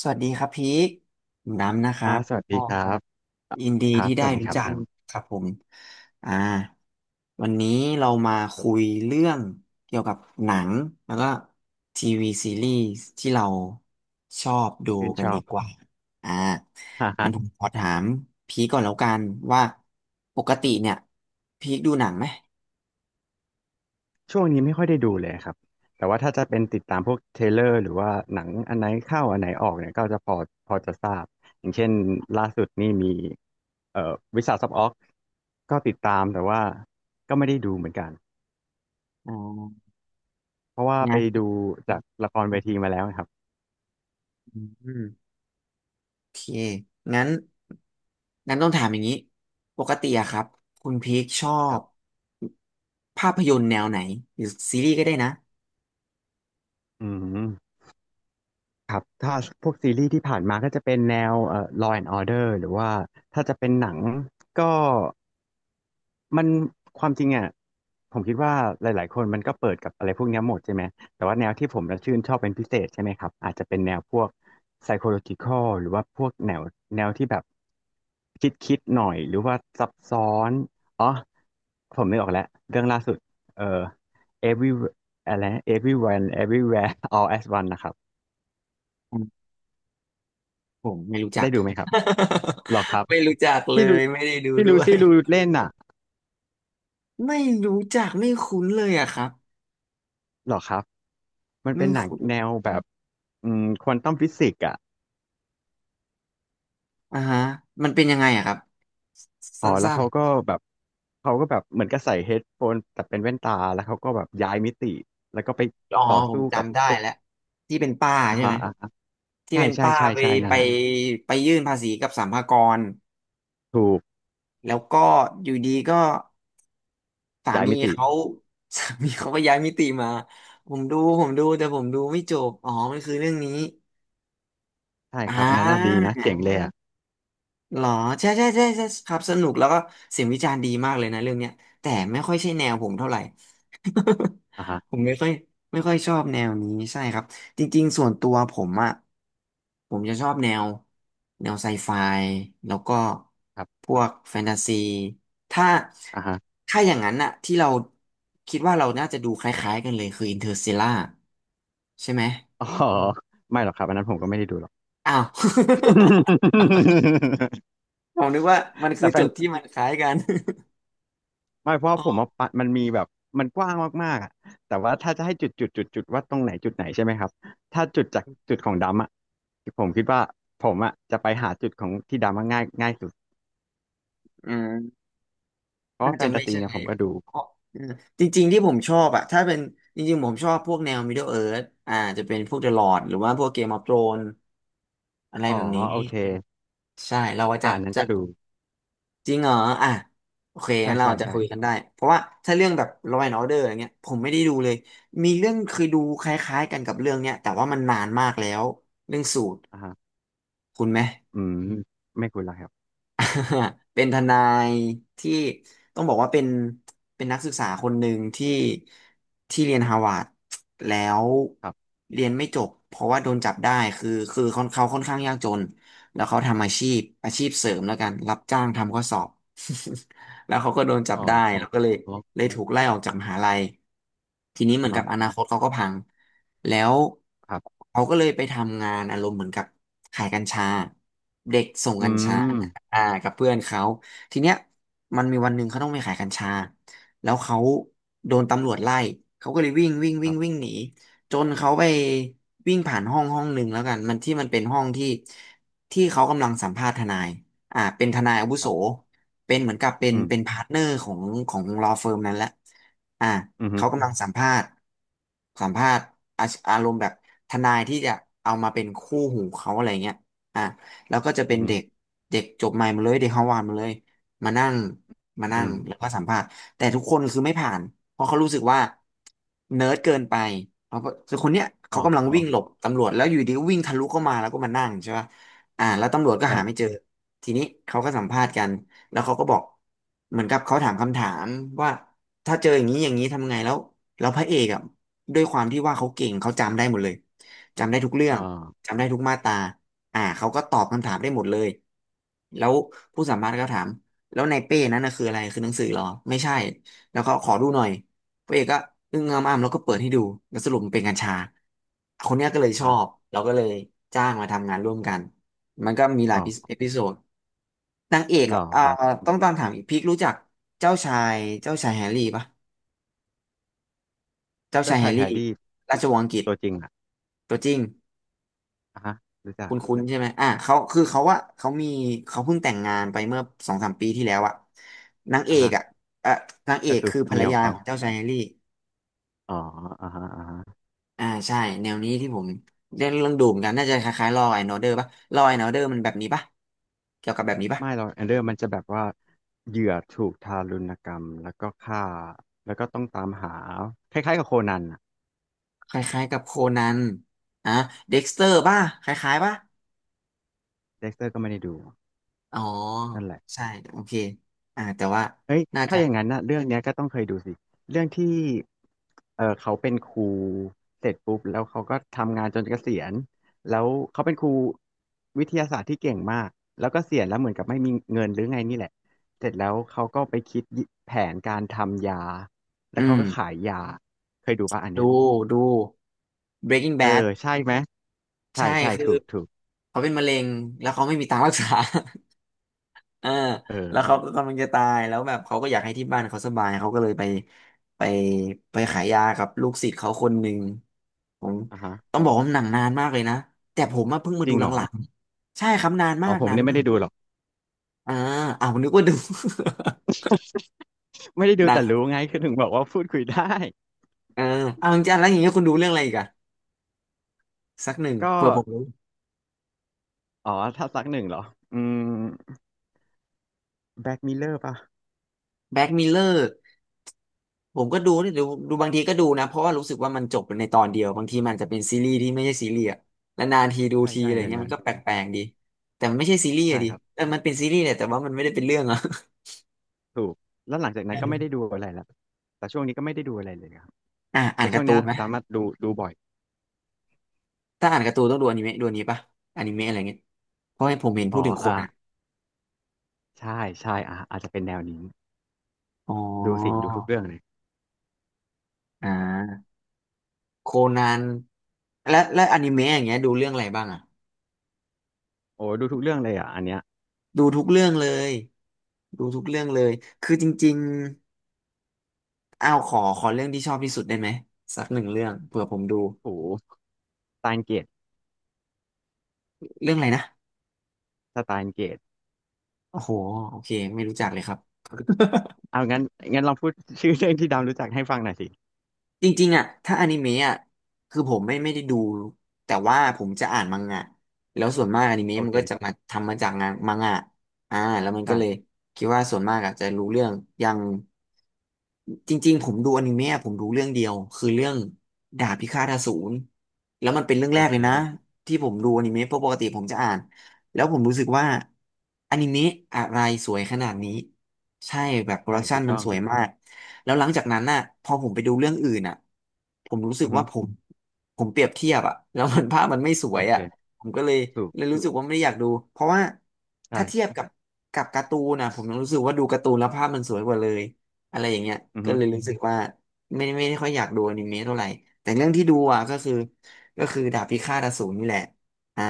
สวัสดีครับพีคผมด้ำนะครัอ่าบสวัสดีอ๋อครับอ่ะยินดีครับที่สได้วัสดีรู้ครับจักน้ครับผมอ่าวันนี้เรามาคุยเรื่องเกี่ยวกับหนังแล้วก็ทีวีซีรีส์ที่เราชอบดูำชื่นกัชนอดีบ กว่าอ่าฮ่างั้ฮะนผมขอถามพีคก่อนแล้วกันว่าปกติเนี่ยพีคดูหนังไหมช่วงนี้ไม่ค่อยได้ดูเลยครับแต่ว่าถ้าจะเป็นติดตามพวกเทรลเลอร์หรือว่าหนังอันไหนเข้าอันไหนออกเนี่ยก็จะพอพอจะทราบอย่างเช่นล่าสุดนี่มีวิสาสอออกก็ติดตามแต่ว่าก็ไม่ได้ดูเหมือนกันอ่าเพราะว่าไปนะดูจากละครเวทีมาแล้วนะครับม โอเค งั้น งั้นต้องถามอย่างนี้ ปกติอะครับคุณพีคชอครับบภาพยนตร์แนวไหนหรือซีรีส์ก็ได้นะอืมครับถ้าพวกซีรีส์ที่ผ่านมาก็จะเป็นแนวLaw and Order หรือว่าถ้าจะเป็นหนังก็ มันความจริงอ่ะผมคิดว่าหลายๆคนมันก็เปิดกับอะไรพวกเนี้ยหมดใช่ไหมแต่ว่าแนวที่ผมจะชื่นชอบเป็นพิเศษใช่ไหมครับอาจจะเป็นแนวพวก psychological หรือว่าพวกแนวแนวที่แบบคิดหน่อยหรือว่าซับซ้อนอ๋อผมนึกออกแล้วเรื่องล่าสุดเอ่อ every อะไร everyone everywhere all as one นะครับอืมผมไม่รู้จัก ได้ดูไหมครับหรอครับ ไม่รู้จักเลที่ลูยไม่ได้ดูที่ด้ลูวย ซี่ลูเล่นน่ะไม่รู้จักไม่คุ้นเลยอะครับหรอครับมันไม่เป็นหนังคุ้นแนวแบบอืมควอนตัมฟิสิกส์อ่ะ อ่าฮะมันเป็นยังไงอะครับอ๋อสั้แล้วนเขาก็แบบเขาก็แบบเหมือนกับใส่เฮดโฟนแต่เป็นแว่นตาแล้วเขาก็แบบย้ายมิติแล้วก็ไปๆอ๋อต่อผมสู้กับจำได้พวกแล้วที่เป็นป้าอ่าใช่ไหฮะมอ่าฮะที่ใช่เป็นใช่ป้าใช่ไปใช่นั่ไปนแหละไปยื่นภาษีกับสรรพากรถูกแล้วก็อยู่ดีก็ สาย้ายมีมิติเขา สามีเขาก็ย้ายมิติมาผมดูแต่ผมดูไม่จบอ๋อมันคือเรื่องนี้ใช่อ่ครับอันนั้นน่าดีนะเจ๋งา เลยอะหรอใช่ใช่ใช่ใช่ครับสนุกแล้วก็เสียงวิจารณ์ดีมากเลยนะเรื่องเนี้ยแต่ไม่ค่อยใช่แนวผมเท่าไหร่ อ่าฮะ ผมไม่ค่อยชอบแนวนี้ใช่ครับจริงๆส่วนตัวผมอ่ะผมจะชอบแนวไซไฟแล้วก็ครัพบวกแฟนตาซีถ้าอ่าฮะถ้าอย่างนั้นอ่ะที่เราคิดว่าเราน่าจะดูคล้ายๆกันเลยคืออินเ r อร์ส l ต r ล่าใช่ไหมอ๋อไม่หรอกครับอันนั้นผมก็ไม่ได้ดูหรอก อ้าว ผมนึกว่ามันคืแต่อแฟจุน ดที่มันคล้ายกัน ไม่เพ ราะอ๋อผมว่าปะมันมีแบบมันกว้างมากๆอ่ะแต่ว่าถ้าจะให้จุดว่าตรงไหนจุดไหนใช่ไหมครับถ้าจุดจากจุดของดำอ่ะผมคิดว่าผมอ่ะจะไปหาจุดของที่ดำอะง่ายง่ายสุดอืม เพราะน่าว่าแฟจะนตาไม่ซีใช่เนี่ยผมก็ดูเพราะเออจริงๆที่ผมชอบอะถ้าเป็นจริงๆผมชอบพวกแนว Middle Earth อ่าจะเป็นพวก The Lord หรือว่าพวก Game of Thrones อะไรอ๋อแบบนี้โอเคใช่เราอ่าจะอันนั้นจะก็ดูจริงเหรออ่ะโอเคใช่งั้นเราใช่จะคุยใช่กันได้เพราะว่าถ้าเรื่องแบบ Law and Order อย่างเงี้ยผมไม่ได้ดูเลยมีเรื่องเคยดูคล้ายๆกันกับเรื่องเนี้ยแต่ว่ามันนานมากแล้วเรื่องสูตรอ่าฮะคุณไหม อืมไม่คุยแล้วครับ เป็นทนายที่ต้องบอกว่าเป็นนักศึกษาคนหนึ่งที่เรียนฮาวาดแล้วครับเรียนไม่จบเพราะว่าโดนจับได้คือเขาค่อนข้างยากจนแล้วเขาทำอาชีพเสริมแล้วกันรับจ้างทำข้อสอบ แล้วเขาก็โดนจับอ๋อได้อ๋อแล้วก็เลยอ๋อเลยถูกไล่ออกจากมหาลัยทีนี้เหมือ่าอนกัฮะบอนาคตเขาก็พังแล้วครับเขาก็เลยไปทำงานอารมณ์เหมือนกับขายกัญชาเด็กส่งกัอืญชา มอ่ากับเพื่อนเขาทีเนี้ยมันมีวันหนึ่งเขาต้องไปขายกัญชาแล้วเขาโดนตำรวจไล่เขาก็เลยวิ่งวิ่งควิ่รังวิ่งบหนีจนเขาไปวิ่งผ่านห้องห้องหนึ่งแล้วกันมันที่มันเป็นห้องที่เขากำลังสัมภาษณ์ทนายอ่าเป็นทนายอาวุคโสรับเป็นเหมือนกับเป็นอืมเป็นพาร์ทเนอร์ของของลอเฟิร์มนั้นแหละอ่าอืมอฮึเขากำลังสัมภาษณ์อาอารมณ์แบบทนายที่จะเอามาเป็นคู่หูเขาอะไรเงี้ยอ่ะ แล้วก็จะเป็อืนมอฮึเด็กเด็กจบใหม่มาเลยเด็กฮาวาดมาเลยมานั่งมานั่อืงมแล้วก็สัมภาษณ์แต่ทุกคนคือไม่ผ่านเพราะเขารู้สึกว่าเนิร์ดเกินไปเขาก็คือคนเนี้ยอ๋อเขากำลังอ๋อวิ่งหลบตำรวจแล้วอยู่ดีก็วิ่งทะลุเข้ามาแล้วก็มานั่งใช่ป่ะอ่าแล้วตำรวจก็หาไม่เจใช่อทีนี้เขาก็สัมภาษณ์กันแล้วเขาก็บอกเหมือนกับเขาถามคำถามว่าถ้าเจออย่างนี้อย่างนี้ทำไงแล้วแล้วพระเอกอ่ะด้วยความที่ว่าเขาเก่งเขาจำได้หมดเลยจำได้ทุกเรื่ออ๋องจำได้ทุกมาตรา อ่าเขาก็ตอบคำถามได้หมดเลยแล้วผู้สัมภาษณ์ก็ถามแล้วในเป้นั้นนะคืออะไรคือหนังสือเหรอไม่ใช่แล้วก็ขอดูหน่อยพระเอกก็อึ้งงำอ้ำแล้วก็เปิดให้ดูแล้วสรุปมันเป็นกัญชาคนเนี้ยก็เลยอ่าชอฮะบเราก็เลยจ้างมาทำงานร่วมกันมันก็มีหลาอ๋ยอเอพิโซดนางเอกหอ่ะล่ออ่าครับต้องตามถามอีกพีครู้จักเจ้าชายแฮร์รี่ปะเจ้าชาเจ้ายแฮชายร์แฮรี่ร์รี่ ราชวงศ์อังกฤษตัวจริงอ่ะตัวจริง อ่ะฮะรู้จัคุกณคุณใช่ไหมอ่ะเขาคือเขาว่าเขามีเขาเพิ่งแต่งงานไปเมื่อสองสามปีที่แล้วอะนางเออ่ะกฮะอะเอ่อนางเอก็กคือคือภรรเมียขอยางเขาของเจ้าชายแฮร์รี่อ๋ออ่ะฮะอ่ะฮะอ่าใช่ แนวนี้ที่ผมเรื่องดูเหมอนกัน น่าจะคล้ายๆลอว์แอนด์อเดอร์ป่ะลอว์แอนด์อเดอร์มันแบบนี้ป่ะเกี่ยวกับแบบนี้ป่ะ ไม่หรอกแอนเดอร์มันจะแบบว่าเหยื่อถูกทารุณกรรมแล้วก็ฆ่าแล้วก็ต้องตามหาคล้ายๆกับโคนันอ่ะคล้ายๆกับโคนันอ่ะเด็กสเตอร์ป่ะ คล้ายๆป่ะ เด็กเตอร์ก็ไม่ได้ดูอ๋อ นั่นแหละ ใช่ โอเคอ่าแต่ว่า เฮ้ยน่าถ้าจะอย่างนั้นนะเรื่องเนี้ยก็ต้องเคยดูสิเรื่องที่เออเขาเป็นครูเสร็จปุ๊บแล้วเขาก็ทำงานจนเกษียณแล้วเขาเป็นครูวิทยาศาสตร์ที่เก่งมากแล้วก็เสียณแล้วเหมือนกับไม่มีเงินหรือไงนี่แหละเสร็จแล้วเขาก็ไปคิดแผนการทำยา อืแล้วเขามก็ขายยาเคยดูป่ะอันเนี้ดู ยดู Breaking เออ Bad ใช่ไหมใช่ใช่ ใช่คือ ถูกถูกเขาเป็นมะเร็งแล้วเขาไม่มีตังค์รักษา เออเออแล้วเขาก็กำลังจะตายแล้วแบบเขาก็อยากให้ที่บ้านเขาสบายเขาก็เลยไปไปขายยากับลูกศิษย์เขาคนหนึ่งผมอ่ะฮะต้องบอกว่าหนังนานมากเลยนะแต่ผมเพิ่งมาจริดูงหเหรอลังๆใช่ครับนานอ๋มาอกผมนานเนี่ยไม่มาได้กดูหรอก อ่าเอาวนึกว่าดู ไม่ได้ ดูหนัแต่งรู้ไงคือถึงบอกว่าพูดคุยได้เออเอาจริงๆแล้วอย่างเงี้ยคุณดูเรื่องอะไรอีกอะสักหนึ่งก็ เผื่อผมรู้อ๋อ ถ้าซักหนึ่งเหรออืมแบ็กมิลเลอร์ป่ะ แบ็กมิเลอร์ ผมก็ดูนี่ดูบางทีก็ดูนะเพราะว่ารู้สึกว่ามันจบในตอนเดียวบางทีมันอาจจะเป็นซีรีส์ที่ไม่ใช่ซีรีส์อะแล้วนานทีดูใช่ทีใช่อะไรในเงี้ยนั้มันนก็แปลกๆดีแต่มันไม่ใช่ซีรีส์อะใช่ดิครับเออมันเป็นซีรีส์แหละแต่ว่ามันไม่ได้เป็นเรื่องอะ ถูกแล้วหลังจาก นั้อืนก็ไม่ได้มดูอะไรแล้วแต่ช่วงนี้ก็ไม่ได้ดูอะไรเลยครับ อ่าอ่าแต่นช่กาวร์งตูเนี้ยนไหมดราม่าดูดูบ่อย ถ้าอ่านการ์ตูนต้องดูอนิเมะดูอันนี้ปะอนิเมะอะไรเงี้ยเพราะให้ผมเห็นอ๋พูอดถึงคอ่านอ่ะใช่ใช่อ่าอาจจะเป็นแนวนี้อ๋ดูสิอดูทุกเรื่องเลยอ่าโคนันและอนิเมะอย่างเงี้ยดูเรื่องอะไรบ้างอะโอ้ดูทุกเรื่องเลยอ่ะอันเนี้ยดูทุกเรื่องเลยดูทุกเรื่องเลยคือจริง อ้าวขอเรื่องที่ชอบที่สุดได้ไหมสักหนึ่งเรื่องเผื่อผมดูโหสไตน์เกตเรื่องอะไรนะสไตน์เกตโอ้โหโอเคไม่รู้จักเลยครับ เอางั้นงั้นลองพูด ชื่อเรื่องที่ดาวรู้จักให้ฟังหน่อยสิจริงๆอ่ะถ้าอนิเมะอ่ะคือผมไม่ได้ดูแต่ว่าผมจะอ่านมังงะแล้วส่วนมากอนิเมะโอมันก็จะเคมาทำมาจากงานมังงะอ่าแล้วมันก็ใช่เลยคิดว่าส่วนมากอ่ะจะรู้เรื่องอย่างจริงๆผมดูอนิเมะผมดูเรื่องเดียวคือเรื่องดาบพิฆาตอสูรแล้วมันเป็นเรื่องโอแรกเคเลยนะที่ผมดูอนิเมะเพราะปกติผมจะอ่านแล้วผมรู้สึกว่าอนิเมะอะไรสวยขนาดนี้ใช่แบบโปรใช่ดักชัถูนกมันต้องสวยมาก แล้วหลังจากนั้นน่ะพอผมไปดูเรื่องอื่นน่ะผมรู้สึกอือฮึว่าผมเปรียบเทียบอะแล้ว มันภาพมันไม่สวโอยเคอะผมก็เลยถูกเลยรู้สึกว่าไม่ได้อยากดูเพราะว่าถ้าเทียบใช่กับการ์ตูนนะผมรู้สึกว่าดูการ์ตูนแล้วภาพมันสวยกว่าเลยอะไรอย่างเงี้ยอือก็ฮึเลยรู้สึกว่าไม่ได้ค่อยอยากดูอนิเมะเท่าไหร่แต่เรื่องที่ดูอ่ะก็คือดาบพิฆาตอสูรนี่แหละอ่า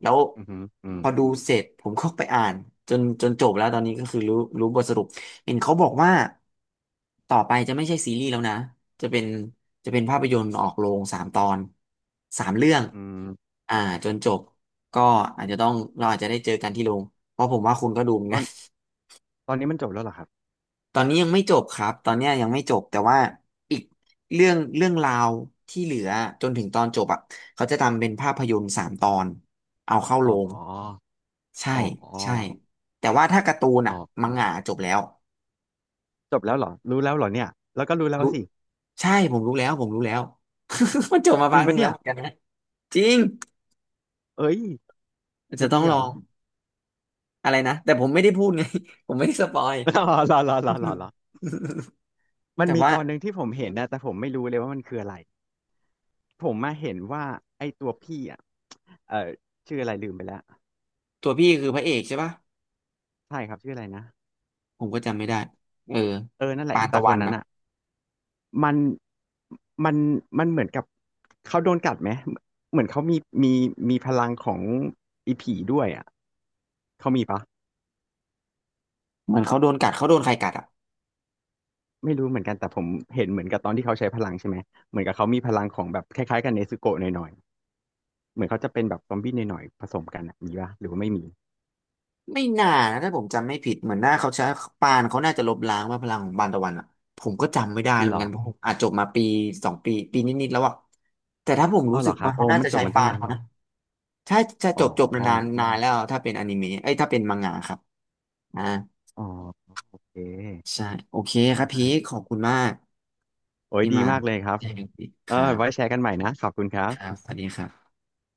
แล้วอือฮึอืพมอดูเสร็จผมก็ไปอ่านจนจบแล้วตอนนี้ก็คือรู้บทสรุป เห็นเขาบอกว่าต่อไปจะไม่ใช่ซีรีส์แล้วนะจะเป็นจะเป็นภาพยนตร์ออกโรงสามตอนสามเรื่องอืมอ่าจนจบก็อาจจะต้องเราอาจจะได้เจอกันที่โรงเพราะผมว่าคุณก็ดูเหมือนตอกันน ตอนนี้มันจบแล้วเหรอครับ ตอนนี้ยังไม่จบครับตอนเนี้ยยังไม่จบแต่ว่าอีกเรื่องราวที่เหลือจนถึงตอนจบอ่ะเขาจะทำเป็นภาพยนตร์สามตอนเอาเข้าโรอ๋งอใช่อ๋อใช่แต่ว่าถ้าการ์ตูนอ๋อ่ะอมังงะจบแล้ว จบแล้วเหรอรู้แล้วเหรอเนี่ยแล้วก็รู้แล้วสิใช่ผมรู้แล้ว มันจบมาจพัริงกหปะนึ่งแล้เนี่วยเหมือนกันนะจริงเอ้ยอาจจะจะต้อดีงเหลรออ ง อะไรนะแต่ผมไม่ได้พูดไง ผมไม่ได้สปอย รอรอ มันแต่มีว่าตอนหนึ่งที่ผมเห็นนะแต่ผมไม่รู้เลยว่ามันคืออะไร ผมมาเห็นว่าไอ้ตัวพี่อ่ะเออชื่ออะไรลืมไปแล้วตัวพี่คือพระเอกใช่ปะใช่ครับชื่ออะไรนะผมก็จำไม่ได้เออเออนั่นแหละปาอีนตาตะควันนนั้นอ่ะอ่ะมันมันมันเหมือนกับเขาโดนกัดไหมเหมือนเขามีมีมีพลังของอีผีด้วยอ่ะเขามีปะ เหมือนเขาโดนกัดเขาโดนใครกัดอ่ะไม่รู้เหมือนกันแต่ผมเห็นเหมือนกับตอนที่เขาใช้พลังใช่ไหมเหมือนกับเขามีพลังของแบบคล้ายๆกับเนซึโกะหน่อยๆเหมือนเขาจะเป็นแบบซอมบี้หน่อยๆผสมกันอะมีปะหรือว่าไม่มีไม่น่านะถ้าผมจำไม่ผิดเหมือนหน้าเขาใช้ปานเขาน่าจะลบล้างว่าพลังของปานตะวันอ่ะผมก็จำไม่ได้เหหมืรอนกัอนผมอาจจบมาปีสองปีนิดๆแล้วอ่ะแต่ถ้าผมอ้อรู้เหสึรกอครัว่าบเขาโอ้น่ามันจะจใช้บมันตั้ปางนนานเขาหรอนะ ถ้าจะอ๋อจบจบนานๆนานแล้วถ้าเป็นอนิเมะเอ้ยถ้าเป็นมังงะครับอ่าอ๋อโอเคใช่โอเคได้ครับพีคขอบคุณมากโอ้ยที่ดีมามากเลยครับแชร์กันคเอรัอไว้แชบร์กันใหม่นะขอบคุณครัคบรับสวัสดีครับ